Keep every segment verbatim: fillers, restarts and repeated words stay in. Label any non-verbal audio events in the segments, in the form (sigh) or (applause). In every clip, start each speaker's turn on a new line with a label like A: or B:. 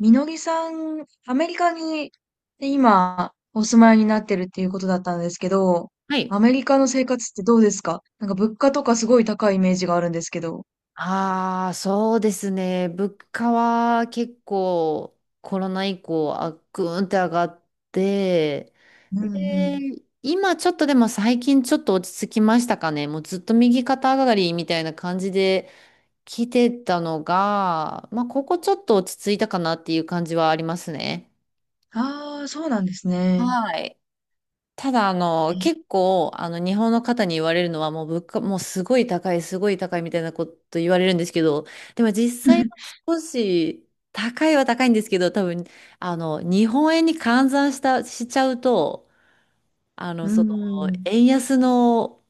A: みのりさん、アメリカに今お住まいになってるっていうことだったんですけど、
B: はい。
A: アメリカの生活ってどうですか？なんか物価とかすごい高いイメージがあるんですけど。
B: ああ、そうですね。物価は結構コロナ以降、あ、ぐーんって上がって、
A: うんう
B: で、
A: ん。
B: 今ちょっとでも最近ちょっと落ち着きましたかね。もうずっと右肩上がりみたいな感じで来てたのが、まあ、ここちょっと落ち着いたかなっていう感じはありますね。
A: ああ、そうなんですね。
B: はい。ただ、あの、結
A: (laughs)
B: 構、あの、日本の方に言われるのは、もう物価、もうすごい高い、すごい高いみたいなこと言われるんですけど、でも実際は少し高いは高いんですけど、多分、あの、日本円に換算した、しちゃうと、あの、
A: う
B: その、
A: んうん。
B: 円安の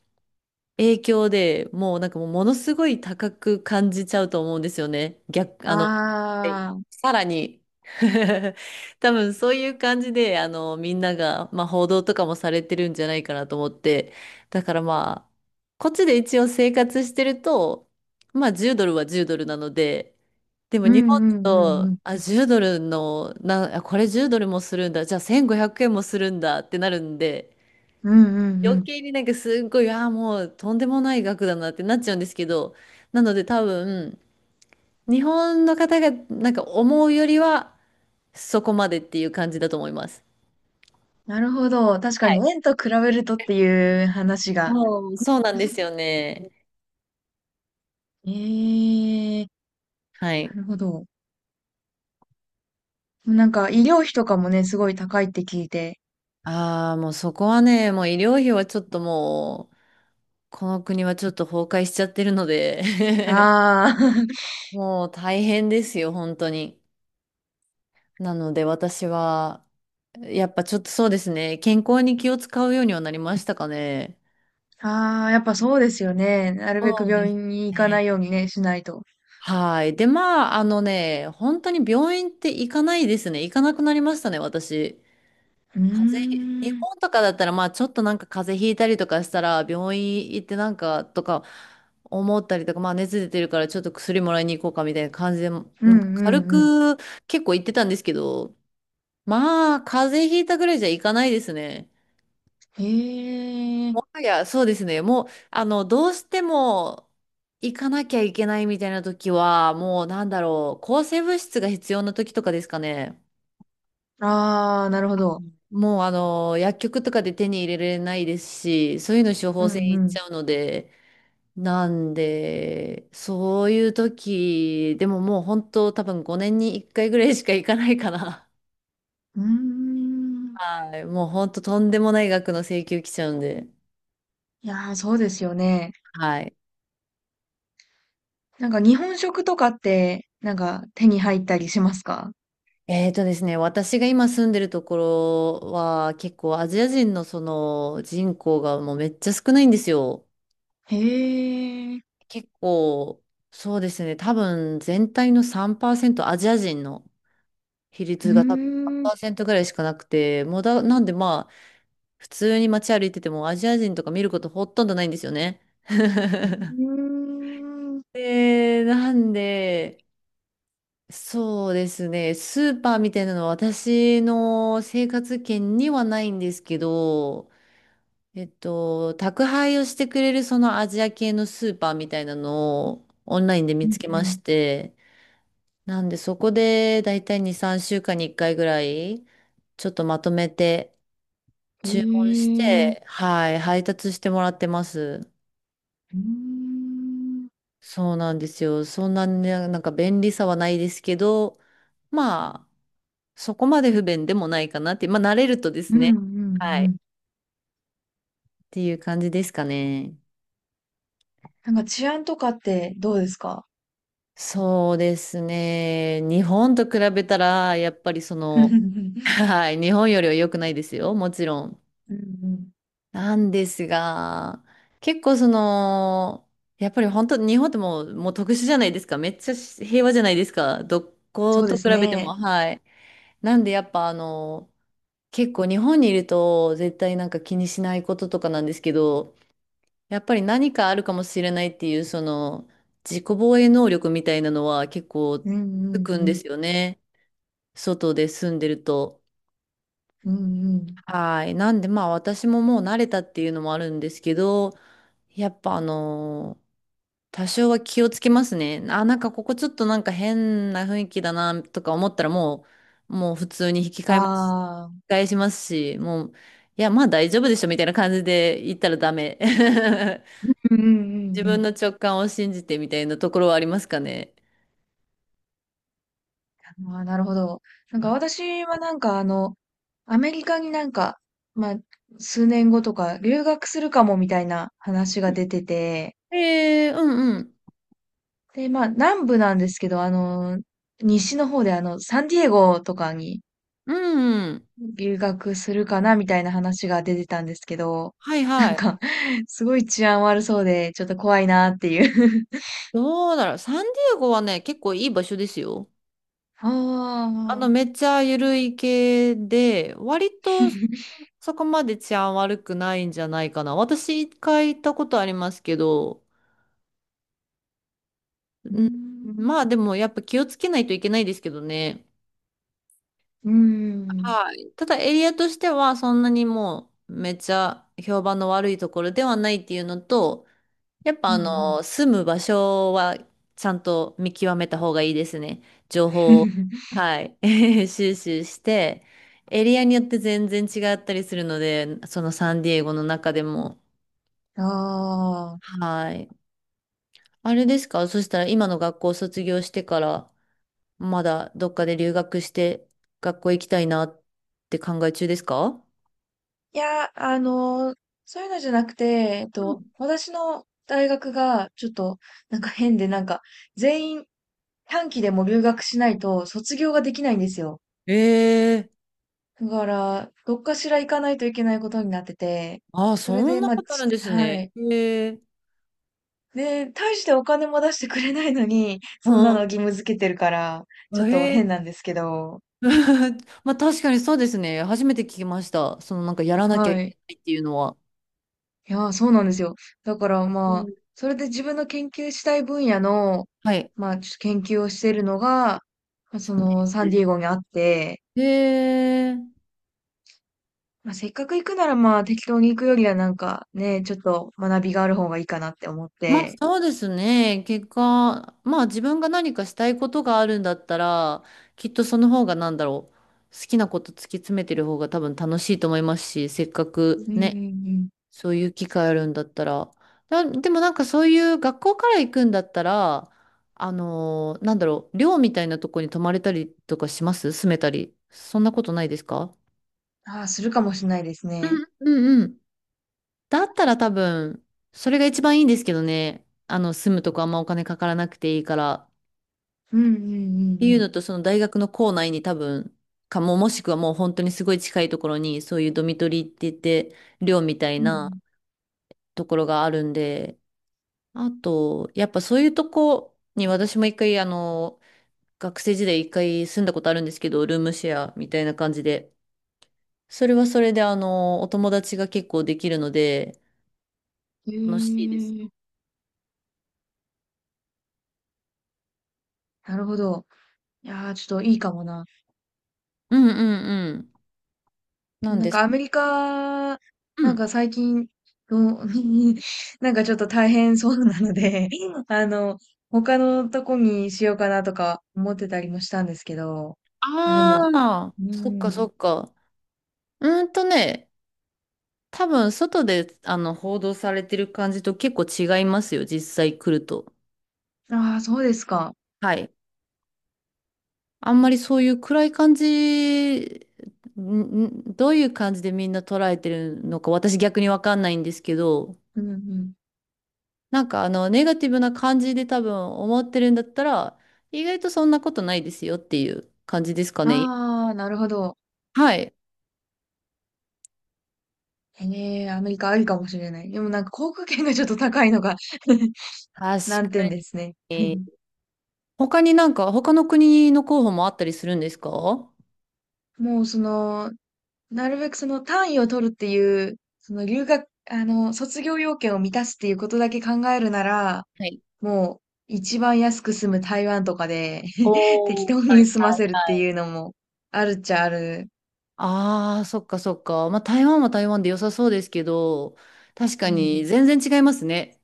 B: 影響でもうなんかもうものすごい高く感じちゃうと思うんですよね。逆、あの、
A: ああ、
B: さらに (laughs) 多分そういう感じで、あの、みんなが、まあ、報道とかもされてるんじゃないかなと思って、だからまあ、こっちで一応生活してると、まあ、じゅうドルはじゅうドルなので、でも
A: う
B: 日
A: ん
B: 本
A: う
B: だ
A: んうんう
B: と、
A: ん。
B: あ、じゅうドルの、な、あこれじゅうドルもするんだ、じゃあせんごひゃくえんもするんだってなるんで、
A: うんうんう
B: 余
A: ん。
B: 計になんかすっごい、ああ、もうとんでもない額だなってなっちゃうんですけど、なので多分、日本の方がなんか思うよりは、そこまでっていう感じだと思います。
A: なるほど。確か
B: は
A: に
B: い。
A: 円と比べるとっていう話が。
B: うん、そうなんですよね。
A: ええ、
B: は
A: な
B: い。
A: るほど。なんか医療費とかもね、すごい高いって聞いて。
B: ああ、もうそこはね、もう医療費はちょっともう、この国はちょっと崩壊しちゃってるので
A: ああ、
B: (laughs) もう大変ですよ、本当に。なので私は、やっぱちょっとそうですね、健康に気を使うようにはなりましたかね。
A: ああ、やっぱそうですよね。なるべく
B: そうで
A: 病
B: す
A: 院に行かないよう
B: ね。
A: にね、しないと。
B: はい。で、まあ、あのね、本当に病院って行かないですね。行かなくなりましたね、私。
A: う
B: 風邪、日
A: ーん。
B: 本とかだったら、まあちょっとなんか風邪ひいたりとかしたら、病院行ってなんかとか思ったりとか、まあ熱出てるからちょっと薬もらいに行こうかみたいな感じで、なん
A: うん
B: か
A: う
B: 軽
A: んう
B: く結構行ってたんですけど、まあ風邪ひいたぐらいじゃ行かないですね。
A: ん。へえ。
B: もはや、そうですね。もう、あの、どうしても行かなきゃいけないみたいな時は、もうなんだろう、抗生物質が必要な時とかですかね。
A: ああ、なるほど。
B: もうあの、薬局とかで手に入れられないですし、そういうの処
A: う
B: 方箋
A: ん
B: い
A: う
B: っち
A: ん。
B: ゃうので、なんで、そういう時、でももう本当多分ごねんにいっかいぐらいしか行かないかな。(laughs)
A: うーん。
B: はい。もう本当とんでもない額の請求来ちゃうんで。
A: いやー、そうですよね。
B: はい。
A: なんか日本食とかって、なんか手に入ったりしますか？
B: えーとですね、私が今住んでるところは結構アジア人のその人口がもうめっちゃ少ないんですよ。
A: へえ。
B: 結構、そうですね、多分全体のさんパーセントアジア人の。比
A: うー
B: 率が多分さん
A: ん。う
B: パーセントぐらいしかなくて、もうだ、なんでまあ、普通に街歩いててもアジア人とか見ることほとんどないんですよね。
A: ー
B: (laughs)
A: ん。
B: で、なんで、そうですね、スーパーみたいなのは私の生活圏にはないんですけど、えっと、宅配をしてくれるそのアジア系のスーパーみたいなのをオンラインで見
A: う
B: つ
A: ん
B: けま
A: う
B: し
A: ん。
B: て、なんでそこでだいたいに、さんしゅうかんにいっかいぐらい、ちょっとまとめて、
A: へ
B: 注文し
A: え。
B: て、はい、配達してもらってます。
A: うーん。
B: そうなんですよ。そんなね、なんか便利さはないですけど、まあ、そこまで不便でもないかなって、まあ、慣れるとで
A: う
B: す
A: んう
B: ね。
A: ん
B: はい。
A: う
B: っ
A: ん。
B: ていう感じですかね。
A: なんか治安とかってどうですか？
B: そうですね。日本と比べたら、やっぱりその、
A: (laughs)
B: はい、日本よりは良くないですよ。もちろん。
A: うんうん。
B: なんですが、結構その、やっぱり本当、日本ってもう、もう特殊じゃないですか。めっちゃし平和じゃないですか。どこ
A: そう
B: と
A: で
B: 比
A: す
B: べても、
A: ね。
B: はい。なんでやっぱあの、結構日本にいると絶対なんか気にしないこととかなんですけど、やっぱり何かあるかもしれないっていう、その、自己防衛能力みたいなのは結構
A: うんう
B: つ
A: ん
B: くん
A: う
B: で
A: ん。
B: すよね。外で住んでると。
A: うんうん。
B: はい。なんで、まあ私ももう慣れたっていうのもあるんですけど、やっぱあのー多少は気をつけますね。あ、なんかここちょっとなんか変な雰囲気だなとか思ったらもう、もう、普通に引き換えます、
A: あ
B: 引
A: あ。
B: き返しますし、もう、いや、まあ大丈夫でしょみたいな感じで言ったらダメ。(laughs)
A: うんうんうん
B: 自
A: う
B: 分の
A: ん。
B: 直感を信じてみたいなところはありますかね。
A: ああ、なるほど。なんか私はなんかあの、アメリカになんか、まあ、数年後とか留学するかもみたいな話が出てて、
B: えー、うんうん。
A: で、まあ、南部なんですけど、あの、西の方であの、サンディエゴとかに
B: うんうん。
A: 留学するかなみたいな話が出てたんですけど、
B: はい
A: な
B: は
A: ん
B: い。
A: か、すごい治安悪そうで、ちょっと怖いなっていう。
B: どうだろう。サンディエゴはね、結構いい場所ですよ。
A: あ
B: あの、め
A: あ、
B: っちゃ緩い系で、割とそこまで治安悪くないんじゃないかな。私一回行ったことありますけど、
A: うー
B: うん、
A: ん。
B: まあでもやっぱ気をつけないといけないですけどね。
A: うーん。
B: はい。ただエリアとしてはそんなにもうめっちゃ評判の悪いところではないっていうのと、やっぱ
A: うん
B: あ
A: うん。
B: の、住む場所はちゃんと見極めた方がいいですね。情報を、
A: (laughs)
B: はい、(laughs) 収集して、エリアによって全然違ったりするので、そのサンディエゴの中でも。
A: ああ。
B: はい。あれですか？そしたら今の学校を卒業してから、まだどっかで留学して、学校行きたいなって考え中ですか？
A: いや、あの、そういうのじゃなくて、えっ
B: う
A: と、
B: ん。
A: 私の大学がちょっとなんか変で、なんか全員短期でも留学しないと卒業ができないんですよ。
B: ええー、
A: だから、どっかしら行かないといけないことになってて、
B: ああ、
A: それ
B: そん
A: で、
B: な
A: まあ、
B: ことある
A: ち
B: んです
A: は
B: ね。
A: い。
B: ええ。
A: で、大してお金も出してくれないのに、
B: う
A: そんなの
B: ん。
A: 義務付けてるから、ちょっと
B: え？
A: 変なんですけど、
B: (laughs) まあ確かにそうですね。初めて聞きました。そのなんかやらなきゃ
A: は
B: いけ
A: い。
B: ないっていうのは。
A: いやー、そうなんですよ。だから
B: う
A: まあ、
B: ん。
A: それで自分の研究したい分野の、
B: はい。
A: まあ、ちょっと研究をしているのが、まあ、その、サンディエゴにあって、
B: へえ。
A: まあ、せっかく行くならまあ、適当に行くよりはなんかね、ちょっと学びがある方がいいかなって思っ
B: まあ
A: て、
B: そうですね。結果、まあ自分が何かしたいことがあるんだったら、きっとその方がなんだろう。好きなこと突き詰めてる方が多分楽しいと思いますし、せっかく
A: うんうん
B: ね、
A: うん。
B: そういう機会あるんだったら。な、でもなんかそういう学校から行くんだったら、あのーなんだろう、寮みたいなとこに泊まれたりとかします住めたり。そんなことないですか？
A: ああ、するかもしれないですね。
B: うんうんうん。だったら多分、それが一番いいんですけどね。あの、住むとこあんまお金かからなくていいから。
A: うんうん
B: ってい
A: う
B: う
A: ん
B: のと、その大学の校内に多分、かも、もしくはもう本当にすごい近いところに、そういうドミトリーって言って、寮みたい
A: う
B: な
A: ん。
B: ところがあるんで、あと、やっぱそういうとこに私も一回、あの、学生時代一回住んだことあるんですけど、ルームシェアみたいな感じで。それはそれで、あの、お友達が結構できるので、
A: う
B: 楽しいです
A: ん。へ
B: よ。
A: え、なるほど。いやー、ちょっといいかもな。
B: うんうんうん。なん
A: なん
B: で
A: か
B: す。
A: アメリカ、
B: う
A: なん
B: ん。
A: か最近の、(laughs) なんかちょっと大変そうなので、(laughs) あの、他のとこにしようかなとか思ってたりもしたんですけど、あ、で
B: あ
A: も、
B: あ、
A: う
B: そっかそ
A: ん。
B: っか。うーんとね、多分外で、あの、報道されてる感じと結構違いますよ、実際来ると。
A: ああ、そうですか。
B: はい。あんまりそういう暗い感じ、んんどういう感じでみんな捉えてるのか、私逆にわかんないんですけど、
A: うんうん。
B: なんかあの、ネガティブな感じで多分思ってるんだったら、意外とそんなことないですよっていう感じですかね。
A: ああ、なるほど。
B: はい。
A: ええ、アメリカありかもしれない。でもなんか航空券がちょっと高いのが (laughs)
B: 確か
A: 難点ですね。
B: に。
A: (laughs)
B: 他になんか、他の国の候補もあったりするんですか？は
A: もうその、なるべくその単位を取るっていう、その留学、あの、卒業要件を満たすっていうことだけ考えるなら、
B: い。
A: もう一番安く済む台湾とかで (laughs) 適
B: おー、
A: 当
B: はい
A: に済ま
B: はい
A: せるって
B: はい。
A: いうのもあるっちゃある。
B: ああ、そっかそっか。まあ、台湾は台湾で良さそうですけど、確
A: う
B: かに
A: ん。
B: 全然違いますね。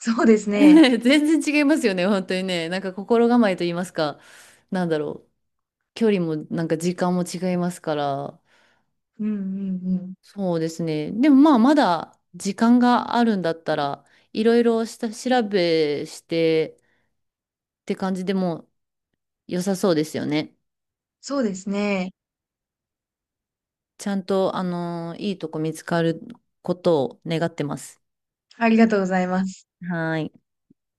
A: そうです
B: (laughs)
A: ね。
B: 全然違いますよね、本当にね。なんか心構えと言いますか、なんだろう、距離もなんか時間も違いますから、
A: うんうんうん。
B: そうですね。でもまあ、まだ時間があるんだったら、いろいろした調べしてって感じでも良さそうですよね。
A: そうですね。
B: ちゃんと、あのーいいとこ見つかることを願ってます。
A: ありがとうございます。
B: はーい。